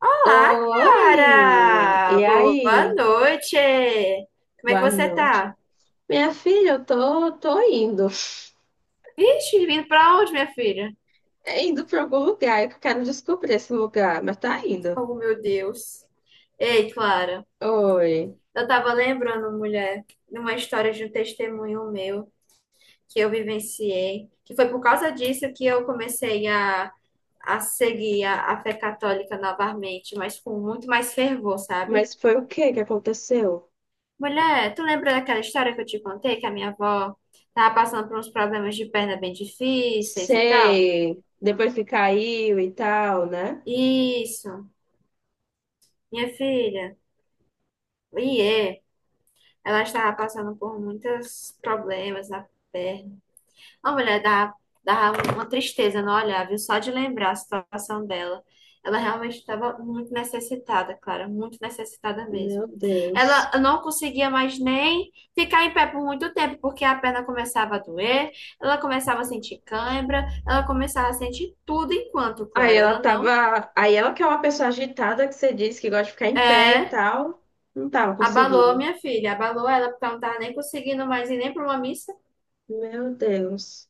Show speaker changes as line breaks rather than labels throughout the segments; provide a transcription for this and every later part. Olá,
Oi!
cara!
E
Boa
aí?
noite! Como é que
Boa
você
noite.
tá?
Minha filha, eu tô indo.
Vixe, vindo pra onde, minha filha?
É indo para algum lugar, eu quero descobrir esse lugar, mas tá indo.
Oh, meu Deus! Ei, Clara,
Oi.
eu tava lembrando, mulher, de uma história de um testemunho meu que eu vivenciei, que foi por causa disso que eu comecei a seguir a fé católica novamente, mas com muito mais fervor, sabe?
Mas foi o que que aconteceu?
Mulher, tu lembra daquela história que eu te contei que a minha avó tava passando por uns problemas de perna bem difíceis e tal?
Sei. Depois que caiu e tal, né?
Isso, minha filha, iê, ela estava passando por muitos problemas na perna. A mulher dá uma tristeza no olhar, viu? Só de lembrar a situação dela. Ela realmente estava muito necessitada, Clara, muito necessitada mesmo.
Meu
Ela
Deus.
não conseguia mais nem ficar em pé por muito tempo, porque a perna começava a doer, ela começava a sentir cãibra, ela começava a sentir tudo enquanto,
Aí
Clara,
ela
ela não.
tava. Aí ela que é uma pessoa agitada que você disse que gosta de ficar em pé e
É,
tal. Não tava
abalou
conseguindo.
minha filha, abalou ela, porque ela não estava nem conseguindo mais ir nem para uma missa.
Meu Deus.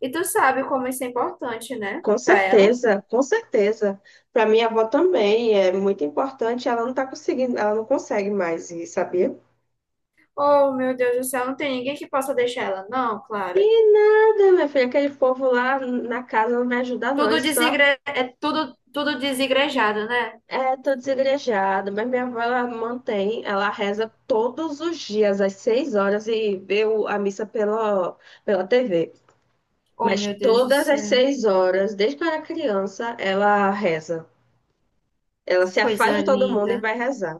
E tu sabe como isso é importante, né,
Com
para ela.
certeza, com certeza. Para minha avó também é muito importante. Ela não tá conseguindo, ela não consegue mais ir, sabia?
Oh, meu Deus do céu, não tem ninguém que possa deixar ela, não, Clara.
Nada, minha filha, aquele povo lá na casa não me ajuda, não. É só
É tudo, tudo desigrejado, né?
é, tô desigrejada. Mas minha avó, ela mantém, ela reza todos os dias, às 6 horas, e vê o- a missa pela TV.
Oh,
Mas
meu Deus do
todas as
céu.
6 horas, desde que eu era criança, ela reza. Ela se afasta
Coisa
de todo mundo e
linda,
vai rezar.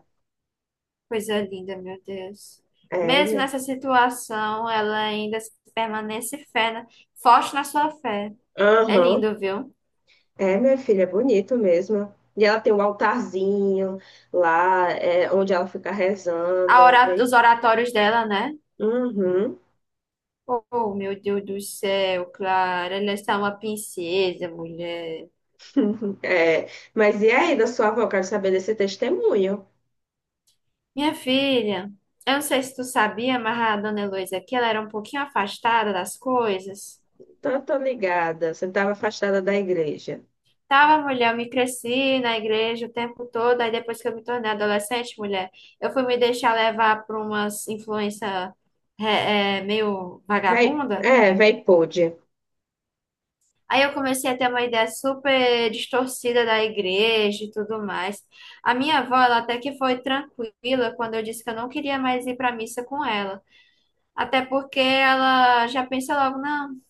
coisa linda, meu Deus.
É,
Mesmo
né?
nessa situação, ela ainda permanece fé, né? Forte na sua fé. É
Aham.
lindo, viu?
É, minha filha, é bonito mesmo. E ela tem um altarzinho lá, é, onde ela fica rezando, é bem.
Os oratórios dela, né?
Uhum.
Oh, meu Deus do céu, Clara, ela está uma princesa, mulher.
É. Mas e aí, da sua avó, quero saber desse testemunho.
Minha filha, eu não sei se tu sabia, mas a dona Heloísa aqui, ela era um pouquinho afastada das coisas.
Então, tô ligada. Você estava afastada da igreja.
Tava mulher, eu me cresci na igreja o tempo todo, aí depois que eu me tornei adolescente, mulher, eu fui me deixar levar por umas influência meio
Vai,
vagabunda.
é, vai pôde.
Aí eu comecei a ter uma ideia super distorcida da igreja e tudo mais. A minha avó, ela até que foi tranquila quando eu disse que eu não queria mais ir pra missa com ela. Até porque ela já pensa logo, não.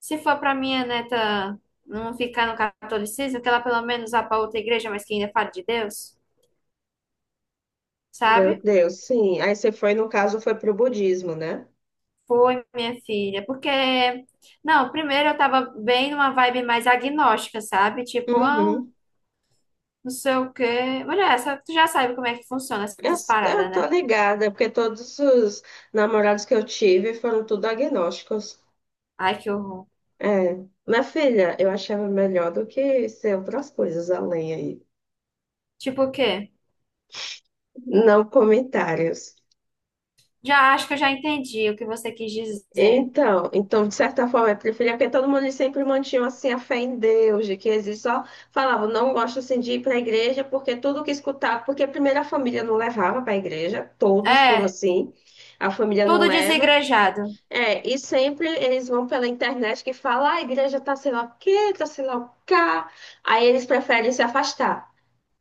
Se for para minha neta não ficar no catolicismo, que ela pelo menos vá para outra igreja, mas que ainda fale de Deus,
Meu
sabe?
Deus, sim. Aí você foi, no caso, foi pro budismo, né?
Foi, minha filha. Porque, não, primeiro eu tava bem numa vibe mais agnóstica, sabe? Tipo, ah,
Uhum.
não sei o quê. Mulher, essa, tu já sabe como é que funciona
Eu,
essas
eu
paradas,
tô
né?
ligada, porque todos os namorados que eu tive foram tudo agnósticos.
Ai, que horror.
É, minha filha, eu achava melhor do que ser outras coisas além aí.
Tipo o quê?
Não comentários.
Já acho que eu já entendi o que você quis dizer.
Então, então, de certa forma, eu preferia porque todo mundo sempre mantinha assim a fé em Deus, de que existe só falava, não gosto assim de ir para a igreja, porque tudo que escutava, porque primeiro a família não levava para a igreja, todos foram
É,
assim, a família não
tudo
leva.
desigrejado.
É, e sempre eles vão pela internet que fala, "Ah, a igreja tá sei lá o quê, tá sei lá o cá. Aí eles preferem se afastar.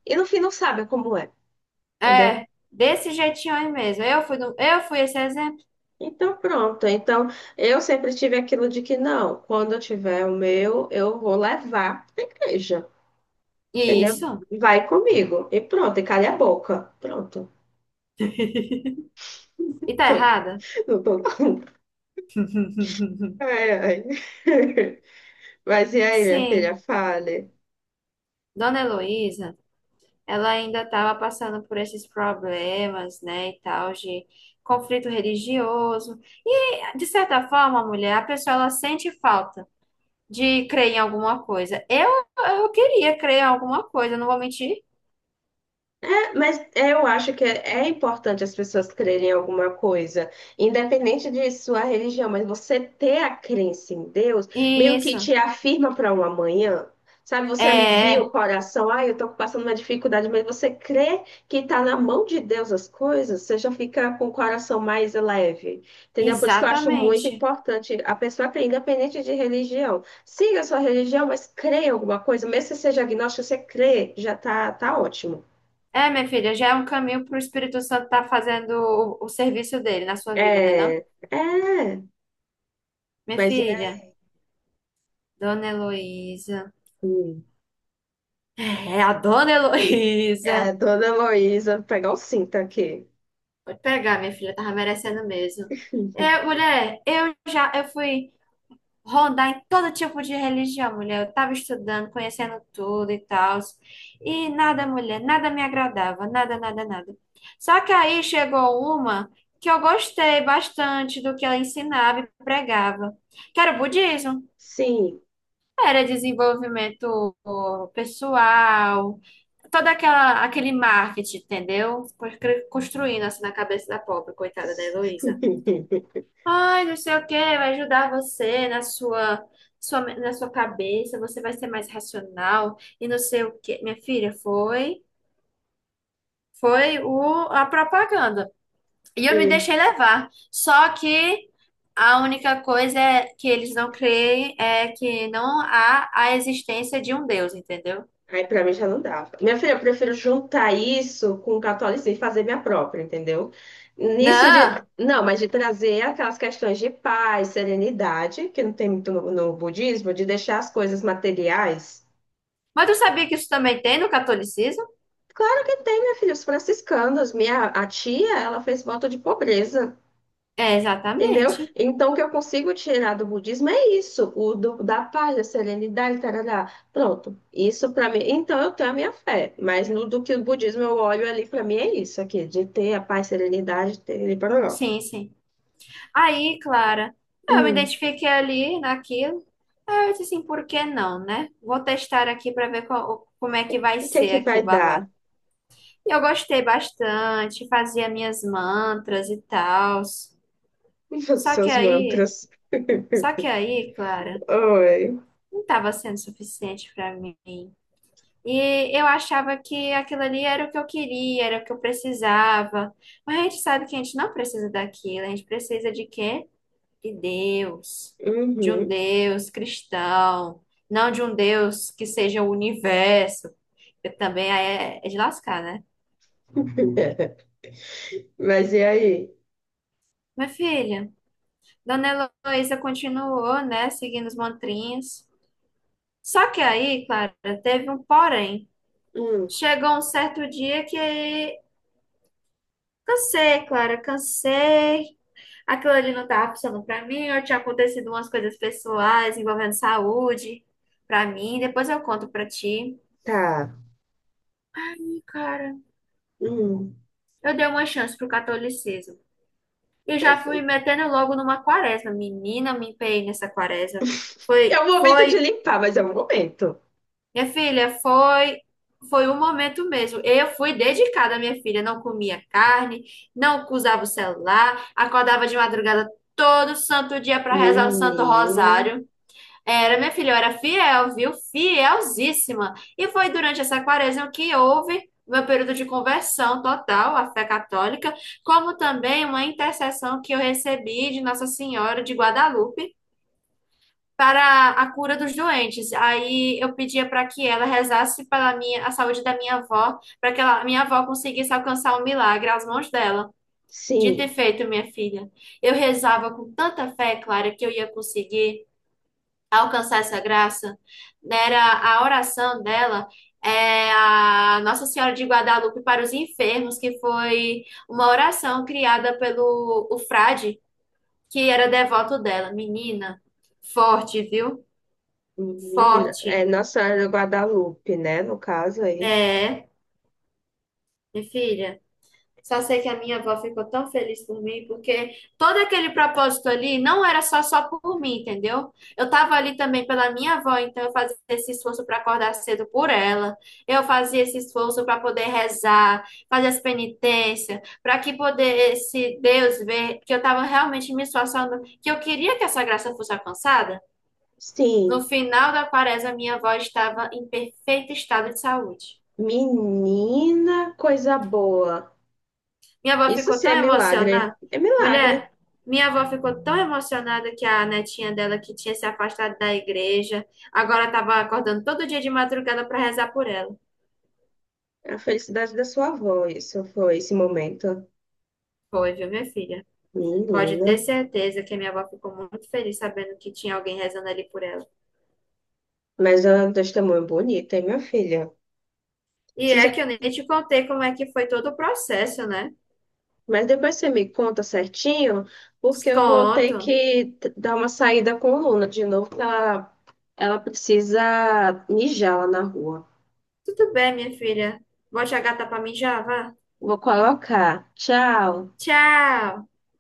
E no fim não sabem como é. Entendeu?
É, desse jeitinho aí mesmo. Eu fui, do, eu fui esse exemplo.
Então, pronto. Então, eu sempre tive aquilo de que não, quando eu tiver o meu, eu vou levar para a igreja, entendeu?
Isso.
Vai comigo. E pronto, e calha a boca. Pronto.
E tá errada?
Não tô... Ai, ai. Mas e aí, minha
Sim,
filha, fale.
Dona Heloísa, ela ainda estava passando por esses problemas, né, e tal, de conflito religioso. E, de certa forma, mulher, a pessoa ela sente falta de crer em alguma coisa. Eu queria crer em alguma coisa, não vou mentir.
É, mas eu acho que é importante as pessoas crerem em alguma coisa, independente de sua religião, mas você ter a crença em Deus meio que
Isso,
te afirma para um amanhã. Sabe, você alivia o
é,
coração, ah, eu estou passando uma dificuldade, mas você crê que está na mão de Deus as coisas, você já fica com o coração mais leve, entendeu? Por isso que eu acho muito
exatamente.
importante a pessoa crer, independente de religião. Siga a sua religião, mas crê em alguma coisa, mesmo que você seja agnóstico, você crê, já tá, tá ótimo.
É, minha filha, já é um caminho para o Espírito Santo estar fazendo o serviço dele na sua vida, né, não?
É, é,
Minha
mas é
filha, Dona Heloísa.
assim.
É, a dona
É,
Heloísa.
Dona Heloísa, vou pegar o cinto aqui.
Pode pegar, minha filha, tava merecendo mesmo. É, mulher, eu fui rondar em todo tipo de religião, mulher. Eu tava estudando, conhecendo tudo e tal. E nada, mulher, nada me agradava, nada, nada, nada. Só que aí chegou uma que eu gostei bastante do que ela ensinava e pregava, que era o budismo.
Sim.
Era desenvolvimento pessoal, toda aquela aquele marketing, entendeu? Construindo assim na cabeça da pobre, coitada da Heloísa. Ai, não sei o que, vai ajudar você na sua, na sua cabeça, você vai ser mais racional e não sei o que. Minha filha, foi a propaganda. E eu me
E,
deixei levar. Só que a única coisa é que eles não creem é que não há a existência de um Deus, entendeu?
aí pra mim já não dá. Minha filha, eu prefiro juntar isso com o catolicismo e fazer minha própria, entendeu? Nisso de.
Não,
Não, mas de trazer aquelas questões de paz, serenidade, que não tem muito no, budismo, de deixar as coisas materiais.
mas tu sabia que isso também tem no catolicismo?
Claro que tem, minha filha, os franciscanos. Minha a tia, ela fez voto de pobreza.
É,
Entendeu?
exatamente.
Então, o que eu consigo tirar do budismo é isso, o do, da paz, da serenidade, tarará. Pronto, isso para mim. Então, eu tenho a minha fé, mas no do que o budismo eu olho ali, para mim é isso aqui, de ter a paz, serenidade, ter e parará.
Sim, sim. Aí, Clara, eu me
Hum,
identifiquei ali naquilo. Aí eu disse assim, por que não, né? Vou testar aqui para ver como é que vai
o que é
ser
que
aqui o
vai
babado.
dar?
E eu gostei bastante, fazia minhas mantras e tal.
Os
Só que
seus
aí,
mantras.
só que aí, Clara,
Oi.
não estava sendo suficiente para mim. E eu achava que aquilo ali era o que eu queria, era o que eu precisava. Mas a gente sabe que a gente não precisa daquilo, a gente precisa de quê? De Deus, de um
Uhum.
Deus cristão, não de um Deus que seja o universo, que também é de lascar, né?
Mas e aí?
Minha filha, Dona Heloísa continuou, né, seguindo os mantrinhos. Só que aí, Clara, teve um porém.
Hum,
Chegou um certo dia que cansei, Clara, cansei. Aquilo ali não tava funcionando pra mim. Eu tinha acontecido umas coisas pessoais envolvendo saúde pra mim. Depois eu conto pra ti.
tá.
Ai, cara,
Hum.
eu dei uma chance pro catolicismo. E já fui metendo logo numa quaresma. Menina, me empenhei nessa quaresma.
É
Foi,
o momento de
foi
limpar, mas é o momento.
Minha filha, foi foi um momento mesmo. Eu fui dedicada à minha filha, não comia carne, não usava o celular, acordava de madrugada todo santo dia para rezar o Santo
Menina.
Rosário. Era, minha filha, eu era fiel, viu? Fielzíssima. E foi durante essa quaresma que houve meu período de conversão total à fé católica, como também uma intercessão que eu recebi de Nossa Senhora de Guadalupe para a cura dos doentes. Aí eu pedia para que ela rezasse pela minha, a saúde da minha avó, para que ela, minha avó conseguisse alcançar o milagre às mãos dela. Dito e
Sim,
feito, minha filha. Eu rezava com tanta fé, Clara, que eu ia conseguir alcançar essa graça. Era a oração dela. É a Nossa Senhora de Guadalupe para os enfermos, que foi uma oração criada pelo o frade, que era devoto dela. Menina, forte, viu?
menina, é
Forte.
Nossa Senhora de Guadalupe, né? No caso aí.
É, minha filha. Só sei que a minha avó ficou tão feliz por mim, porque todo aquele propósito ali não era só por mim, entendeu? Eu tava ali também pela minha avó, então eu fazia esse esforço para acordar cedo por ela. Eu fazia esse esforço para poder rezar, fazer as penitências, para que poder esse Deus ver que eu tava realmente me esforçando, que eu queria que essa graça fosse alcançada. No
Sim,
final da quaresma, minha avó estava em perfeito estado de saúde.
menina, coisa boa.
Minha avó
Isso
ficou
sim
tão
é milagre.
emocionada.
É milagre.
Mulher, minha avó ficou tão emocionada que a netinha dela, que tinha se afastado da igreja, agora estava acordando todo dia de madrugada para rezar por ela.
É a felicidade da sua avó, isso foi esse momento.
Foi, viu, minha filha? Pode ter
Menina.
certeza que a minha avó ficou muito feliz sabendo que tinha alguém rezando ali por ela.
Mas é um testemunho bonito, hein, minha filha?
E
Você já...
é que eu nem te contei como é que foi todo o processo, né?
Mas depois você me conta certinho, porque eu vou ter
Conto.
que dar uma saída com a Luna de novo, que ela precisa mijar lá na rua.
Tudo bem, minha filha. Bote a gata pra mim já, vá.
Vou colocar. Tchau.
Tchau!